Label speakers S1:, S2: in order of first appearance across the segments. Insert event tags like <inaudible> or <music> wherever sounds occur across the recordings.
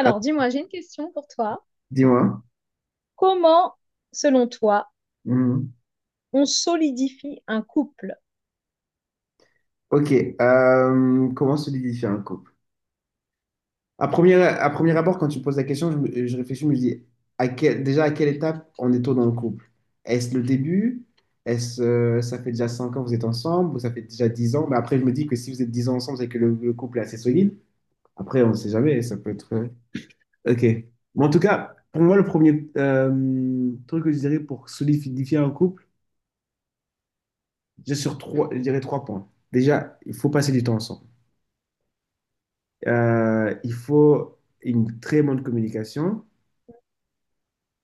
S1: Ah,
S2: dis-moi, j'ai une question pour toi.
S1: dis-moi.
S2: Comment, selon toi,
S1: Mhm.
S2: on solidifie un couple?
S1: Ok. Comment solidifier un couple? À premier abord, quand tu me poses la question, je réfléchis, je me dis déjà à quelle étape on est-on dans le couple. Est-ce le début? Est-ce ça fait déjà 5 ans que vous êtes ensemble? Ou ça fait déjà 10 ans? Mais après, je me dis que si vous êtes 10 ans ensemble, c'est que le couple est assez solide. Après, on ne sait jamais, ça peut être. Ok. Mais en tout cas, pour moi, le premier truc que je dirais pour solidifier un couple, je dirais trois points. Déjà, il faut passer du temps ensemble. Il faut une très bonne communication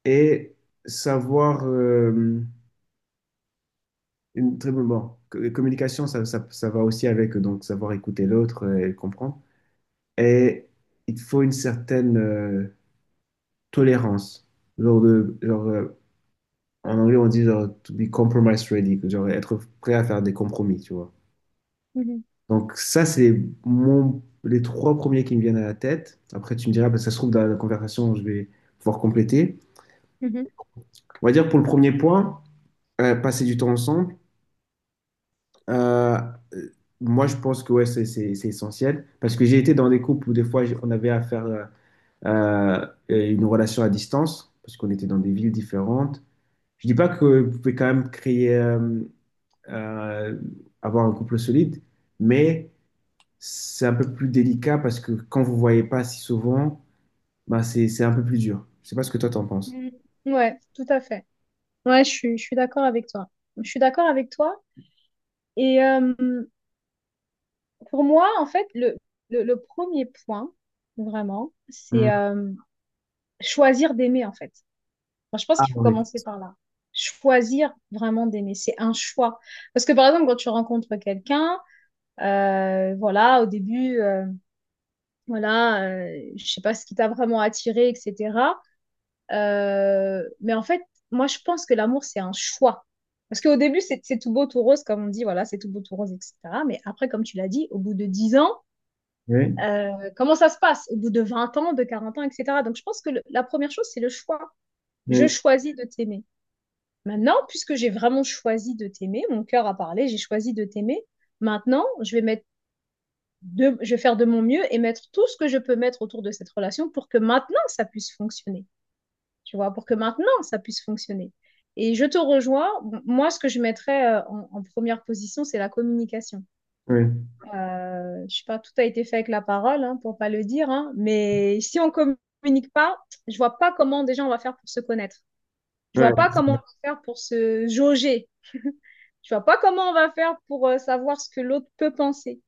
S1: et savoir une très bonne communication. Ça va aussi avec, donc savoir écouter l'autre et le comprendre. Et il faut une certaine tolérance. Genre de, genre, euh, en anglais, on dit genre, to be compromise ready, que genre être prêt à faire des compromis, tu vois.
S2: Mhm,
S1: Donc ça, c'est les trois premiers qui me viennent à la tête. Après, tu me diras, parce que ça se trouve, dans la conversation, je vais pouvoir compléter.
S2: mhm,
S1: On va dire pour le premier point, passer du temps ensemble. euh, euh, Moi, je pense que ouais, c'est essentiel parce que j'ai été dans des couples où des fois on avait à faire une relation à distance parce qu'on était dans des villes différentes. Je dis pas que vous pouvez quand même créer, euh, avoir un couple solide, mais c'est un peu plus délicat parce que quand vous voyez pas si souvent, bah c'est un peu plus dur. Je sais pas ce que toi t'en penses.
S2: mhm. Ouais, tout à fait. Ouais, je suis d'accord avec toi. Je suis d'accord avec toi. Et pour moi, en fait, le premier point, vraiment, c'est
S1: Mm.
S2: choisir d'aimer, en fait. Enfin, je pense
S1: Ah
S2: qu'il faut
S1: oui.
S2: commencer par là. Choisir vraiment d'aimer, c'est un choix. Parce que, par exemple, quand tu rencontres quelqu'un, voilà, au début voilà, je sais pas ce qui t'a vraiment attiré, etc. Mais en fait, moi, je pense que l'amour, c'est un choix. Parce qu'au début, c'est tout beau, tout rose, comme on dit, voilà, c'est tout beau, tout rose, etc. Mais après, comme tu l'as dit, au bout de 10 ans,
S1: Oui,
S2: comment ça se passe? Au bout de 20 ans, de 40 ans, etc. Donc, je pense que la première chose, c'est le choix. Je
S1: oui,
S2: choisis de t'aimer. Maintenant, puisque j'ai vraiment choisi de t'aimer, mon cœur a parlé, j'ai choisi de t'aimer. Maintenant, je vais mettre je vais faire de mon mieux et mettre tout ce que je peux mettre autour de cette relation pour que maintenant ça puisse fonctionner, tu vois, pour que maintenant ça puisse fonctionner. Et je te rejoins. Moi, ce que je mettrais en première position, c'est la communication.
S1: oui.
S2: Je ne sais pas, tout a été fait avec la parole, hein, pour ne pas le dire, hein, mais si on communique pas, je ne vois pas comment déjà on va faire pour se connaître. Je ne vois pas comment on va faire pour se jauger. Je ne vois pas comment on va faire pour savoir ce que l'autre peut penser.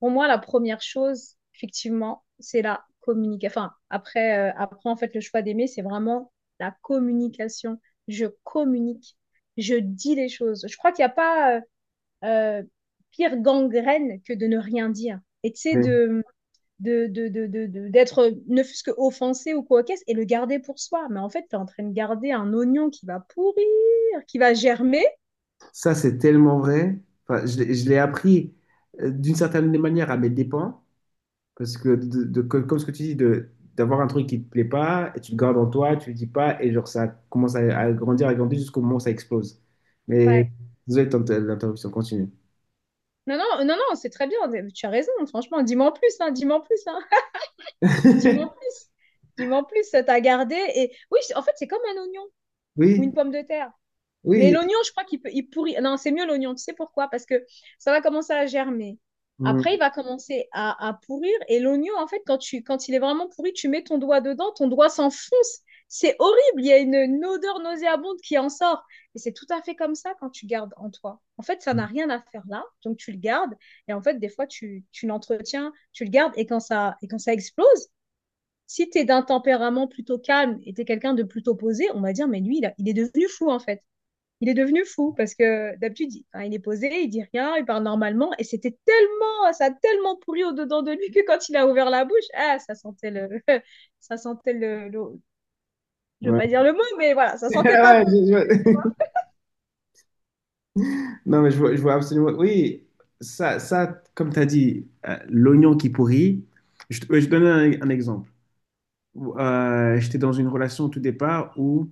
S2: Pour moi, la première chose, effectivement, c'est la communication. Enfin, après, après, en fait, le choix d'aimer, c'est vraiment la communication. Je communique, je dis les choses. Je crois qu'il n'y a pas euh, pire gangrène que de ne rien dire. Et tu sais,
S1: Ouais.
S2: d'être ne fût-ce que offensé ou quoi qu'est-ce et le garder pour soi. Mais en fait, tu es en train de garder un oignon qui va pourrir, qui va germer.
S1: Ça, c'est tellement vrai. Enfin, je l'ai appris d'une certaine manière à mes dépens, parce que, comme ce que tu dis, d'avoir un truc qui te plaît pas, et tu le gardes en toi, tu le dis pas, et genre ça commence à grandir, à grandir jusqu'au moment où ça explose. Mais
S2: Ouais.
S1: désolé de l'interruption, continue.
S2: Non, non, non, non, c'est très bien. Tu as raison, franchement. Dis-moi en plus, hein, dis-moi en plus, hein. Dis-moi en
S1: <laughs>
S2: plus. Dis-moi en plus, ça t'a gardé. Et oui, en fait, c'est comme un oignon ou
S1: Oui,
S2: une pomme de terre. Mais
S1: oui.
S2: l'oignon, je crois qu'il peut, il pourrit. Non, c'est mieux l'oignon. Tu sais pourquoi? Parce que ça va commencer à germer. Après, il
S1: Mm.
S2: va commencer à pourrir. Et l'oignon, en fait, quand tu, quand il est vraiment pourri, tu mets ton doigt dedans, ton doigt s'enfonce. C'est horrible. Il y a une odeur nauséabonde qui en sort. Et c'est tout à fait comme ça quand tu gardes en toi. En fait, ça n'a rien à faire là. Donc, tu le gardes. Et en fait, des fois, tu l'entretiens, tu le gardes. Et quand ça explose, si tu es d'un tempérament plutôt calme et tu es quelqu'un de plutôt posé, on va dire, mais lui, il est devenu fou en fait. Il est devenu fou parce que d'habitude, il, hein, il est posé, il dit rien, il parle normalement. Et c'était tellement, ça a tellement pourri au-dedans de lui que quand il a ouvert la bouche, ah, ça sentait le, <laughs> ça sentait je veux
S1: Ouais.
S2: pas dire le mot, mais voilà, ça
S1: <laughs>
S2: sentait pas
S1: Ouais,
S2: bon. Tu
S1: je- <laughs> non, mais je vois absolument. Oui, ça, comme tu as dit, l'oignon qui pourrit, je te donne un exemple où j'étais dans une relation au tout départ,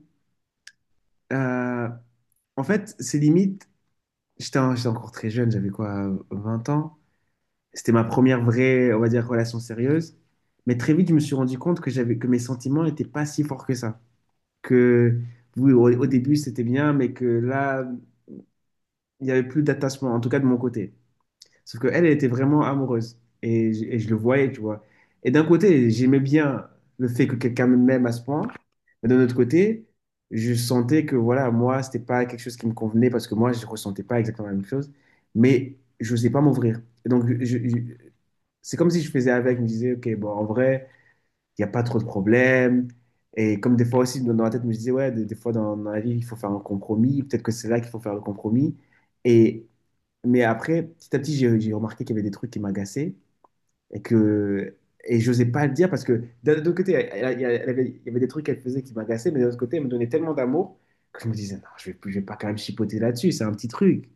S1: euh, en fait, c'est limite, j'étais encore très jeune, j'avais quoi, 20 ans. C'était ma première vraie, on va dire, relation sérieuse. Mais très vite, je me suis rendu compte que que mes sentiments n'étaient pas si forts que ça. Que oui, au début, c'était bien, mais que là, il n'y avait plus d'attachement, en tout cas de mon côté. Sauf qu'elle, elle était vraiment amoureuse. Et je le voyais, tu vois. Et d'un côté, j'aimais bien le fait que quelqu'un m'aime à ce point. Mais d'un autre côté, je sentais que, voilà, moi, c'était pas quelque chose qui me convenait parce que moi, je ressentais pas exactement la même chose. Mais je n'osais pas m'ouvrir. Et donc, c'est comme si je faisais avec. Je me disais, OK, bon, en vrai, il n'y a pas trop de problèmes. Et comme des fois aussi, dans la tête, je me disais, ouais, des fois, dans la vie, il faut faire un compromis. Peut-être que c'est là qu'il faut faire le compromis. Et mais après, petit à petit, j'ai remarqué qu'il y avait des trucs qui m'agaçaient. Et que et j'osais pas le dire parce que d'un autre côté, elle avait, il y avait des trucs qu'elle faisait qui m'agaçaient, mais d'un autre côté, elle me donnait tellement d'amour que je me disais, non, je vais pas quand même chipoter là-dessus, c'est un petit truc.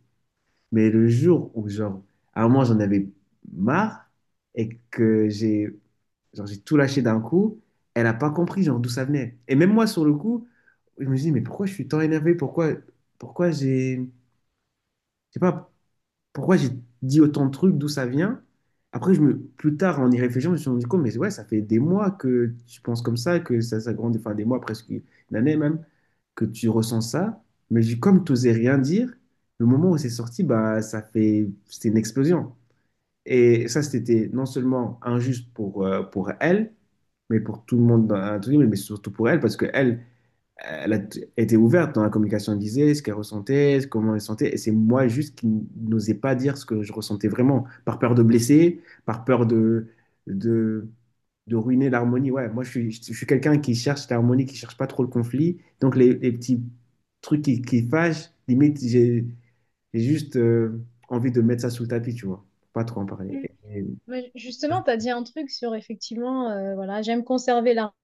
S1: Mais le jour où, genre, à un moment, j'en avais marre et que j'ai genre, j'ai tout lâché d'un coup, elle n'a pas compris, genre, d'où ça venait. Et même moi, sur le coup, je me suis dit, mais pourquoi je suis tant énervé? Pourquoi, pourquoi j'ai. Je sais pas, pourquoi j'ai dit autant de trucs, d'où ça vient. Après, plus tard, en y réfléchissant, je me suis rendu compte, mais ouais, ça fait des mois que tu penses comme ça, que ça grandit, enfin des mois, presque une année même, que tu ressens ça. Mais comme tu n'osais rien dire, le moment où c'est sorti, bah, ça fait, c'était une explosion. Et ça, c'était non seulement injuste pour elle, mais pour tout le monde dans l'intrus, mais surtout pour elle, parce que elle, elle a été ouverte dans la communication, elle disait ce qu'elle ressentait, comment elle sentait, et c'est moi juste qui n'osais pas dire ce que je ressentais vraiment, par peur de blesser, par peur de, de, ruiner l'harmonie. Ouais, moi je suis quelqu'un qui cherche l'harmonie, qui cherche pas trop le conflit, donc les petits trucs qui fâchent, limite j'ai juste envie de mettre ça sous le tapis, tu vois, pas trop en
S2: vois.
S1: parler.
S2: Mais justement, tu as dit un truc sur effectivement, voilà, j'aime conserver l'harmonie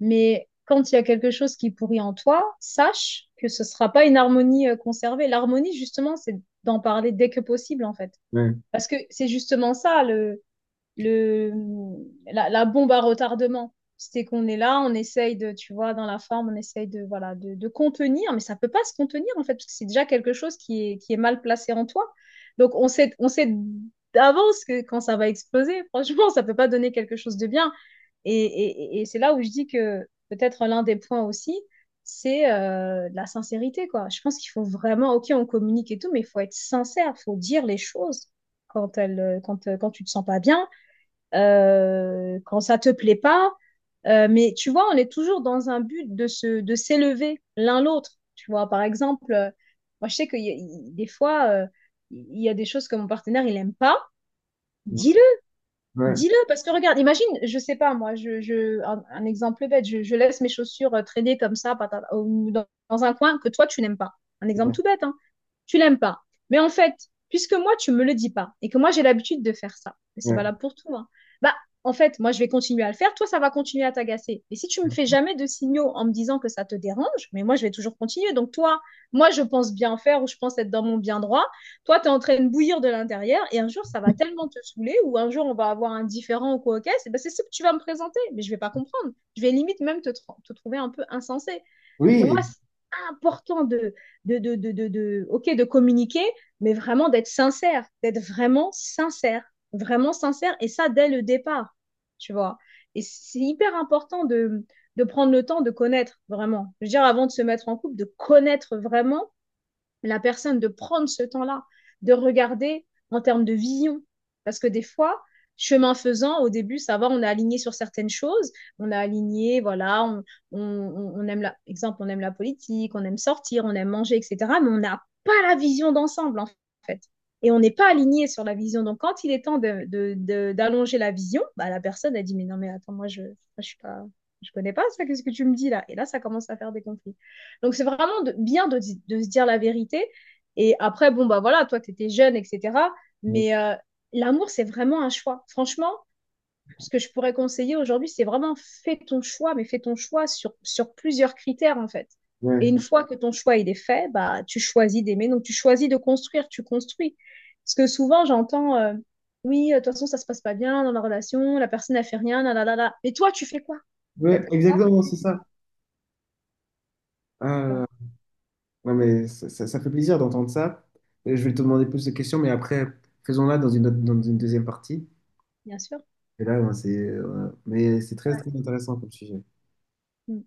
S2: mais quand il y a quelque chose qui pourrit en toi, sache que ce sera pas une harmonie conservée. L'harmonie, justement, c'est d'en parler dès que possible, en fait.
S1: Ouais,
S2: Parce que c'est justement ça, le, la, la bombe à retardement. C'était qu'on est là, on essaye de, tu vois, dans la forme, on essaye de, voilà, de contenir, mais ça ne peut pas se contenir en fait, parce que c'est déjà quelque chose qui est mal placé en toi. Donc on sait d'avance que quand ça va exploser, franchement, ça ne peut pas donner quelque chose de bien. Et, et c'est là où je dis que peut-être l'un des points aussi, c'est la sincérité, quoi. Je pense qu'il faut vraiment, ok, on communique et tout, mais il faut être sincère, il faut dire les choses quand tu ne te sens pas bien, quand ça te plaît pas. Mais tu vois, on est toujours dans un but de de s'élever l'un l'autre. Tu vois, par exemple, moi je sais que des fois, il y a des choses que mon partenaire il aime pas. Dis-le,
S1: ouais,
S2: dis-le, parce que regarde, imagine, je sais pas, moi, un exemple bête, je laisse mes chaussures traîner comme ça patata, ou dans, dans un coin que toi, tu n'aimes pas. Un exemple
S1: ouais,
S2: tout bête, hein. Tu l'aimes pas. Mais en fait, puisque moi, tu me le dis pas et que moi, j'ai l'habitude de faire ça, et c'est
S1: ouais.
S2: valable pour tout, hein, bah, en fait, moi, je vais continuer à le faire, toi, ça va continuer à t'agacer. Et si tu me fais jamais de signaux en me disant que ça te dérange, mais moi, je vais toujours continuer. Donc, toi, moi, je pense bien faire ou je pense être dans mon bien droit. Toi, tu es en train de bouillir de l'intérieur et un jour, ça va tellement te saouler ou un jour, on va avoir un différent ou quoi, ok, c'est ben, c'est ce que tu vas me présenter, mais je ne vais pas comprendre. Je vais limite même te, te trouver un peu insensé. Donc pour moi,
S1: Oui,
S2: c'est important de, ok, de communiquer, mais vraiment d'être sincère, d'être vraiment sincère, et ça dès le départ, tu vois. Et c'est hyper important de prendre le temps de connaître vraiment. Je veux dire, avant de se mettre en couple, de connaître vraiment la personne de prendre ce temps-là, de regarder en termes de vision. Parce que des fois, chemin faisant, au début, ça va, on est aligné sur certaines choses, on a aligné, voilà, on aime la, exemple, on aime la politique, on aime sortir, on aime manger, etc. Mais on n'a pas la vision d'ensemble, en fait. Et on n'est pas aligné sur la vision. Donc, quand il est temps d'allonger d'allonger la vision, bah, la personne a dit, mais non, mais attends, moi, je suis pas... Je connais pas ça, qu'est-ce que tu me dis là. Et là, ça commence à faire des conflits. Donc, c'est vraiment bien de, se dire la vérité. Et après, bon, bah voilà, toi, tu étais jeune, etc.
S1: ex-
S2: Mais l'amour, c'est vraiment un choix. Franchement, ce que je pourrais conseiller aujourd'hui, c'est vraiment fais ton choix, mais fais ton choix sur plusieurs critères, en fait. Et
S1: ouais,
S2: une fois que ton choix il est fait, bah tu choisis d'aimer, donc tu choisis de construire, tu construis. Parce que souvent j'entends, oui, de toute façon ça se passe pas bien dans la relation, la personne n'a fait rien, là là là là. Mais toi tu fais quoi en
S1: ouais,
S2: fait. Toi
S1: exactement,
S2: tu
S1: c'est
S2: fais
S1: ça.
S2: quoi.
S1: Non, mais ça, ça fait plaisir d'entendre ça. Et je vais te demander plus de questions, mais après, faisons-la dans dans une deuxième partie.
S2: Bien sûr.
S1: Et là, ben, mais c'est très,
S2: Ouais.
S1: très intéressant comme sujet.
S2: Mm.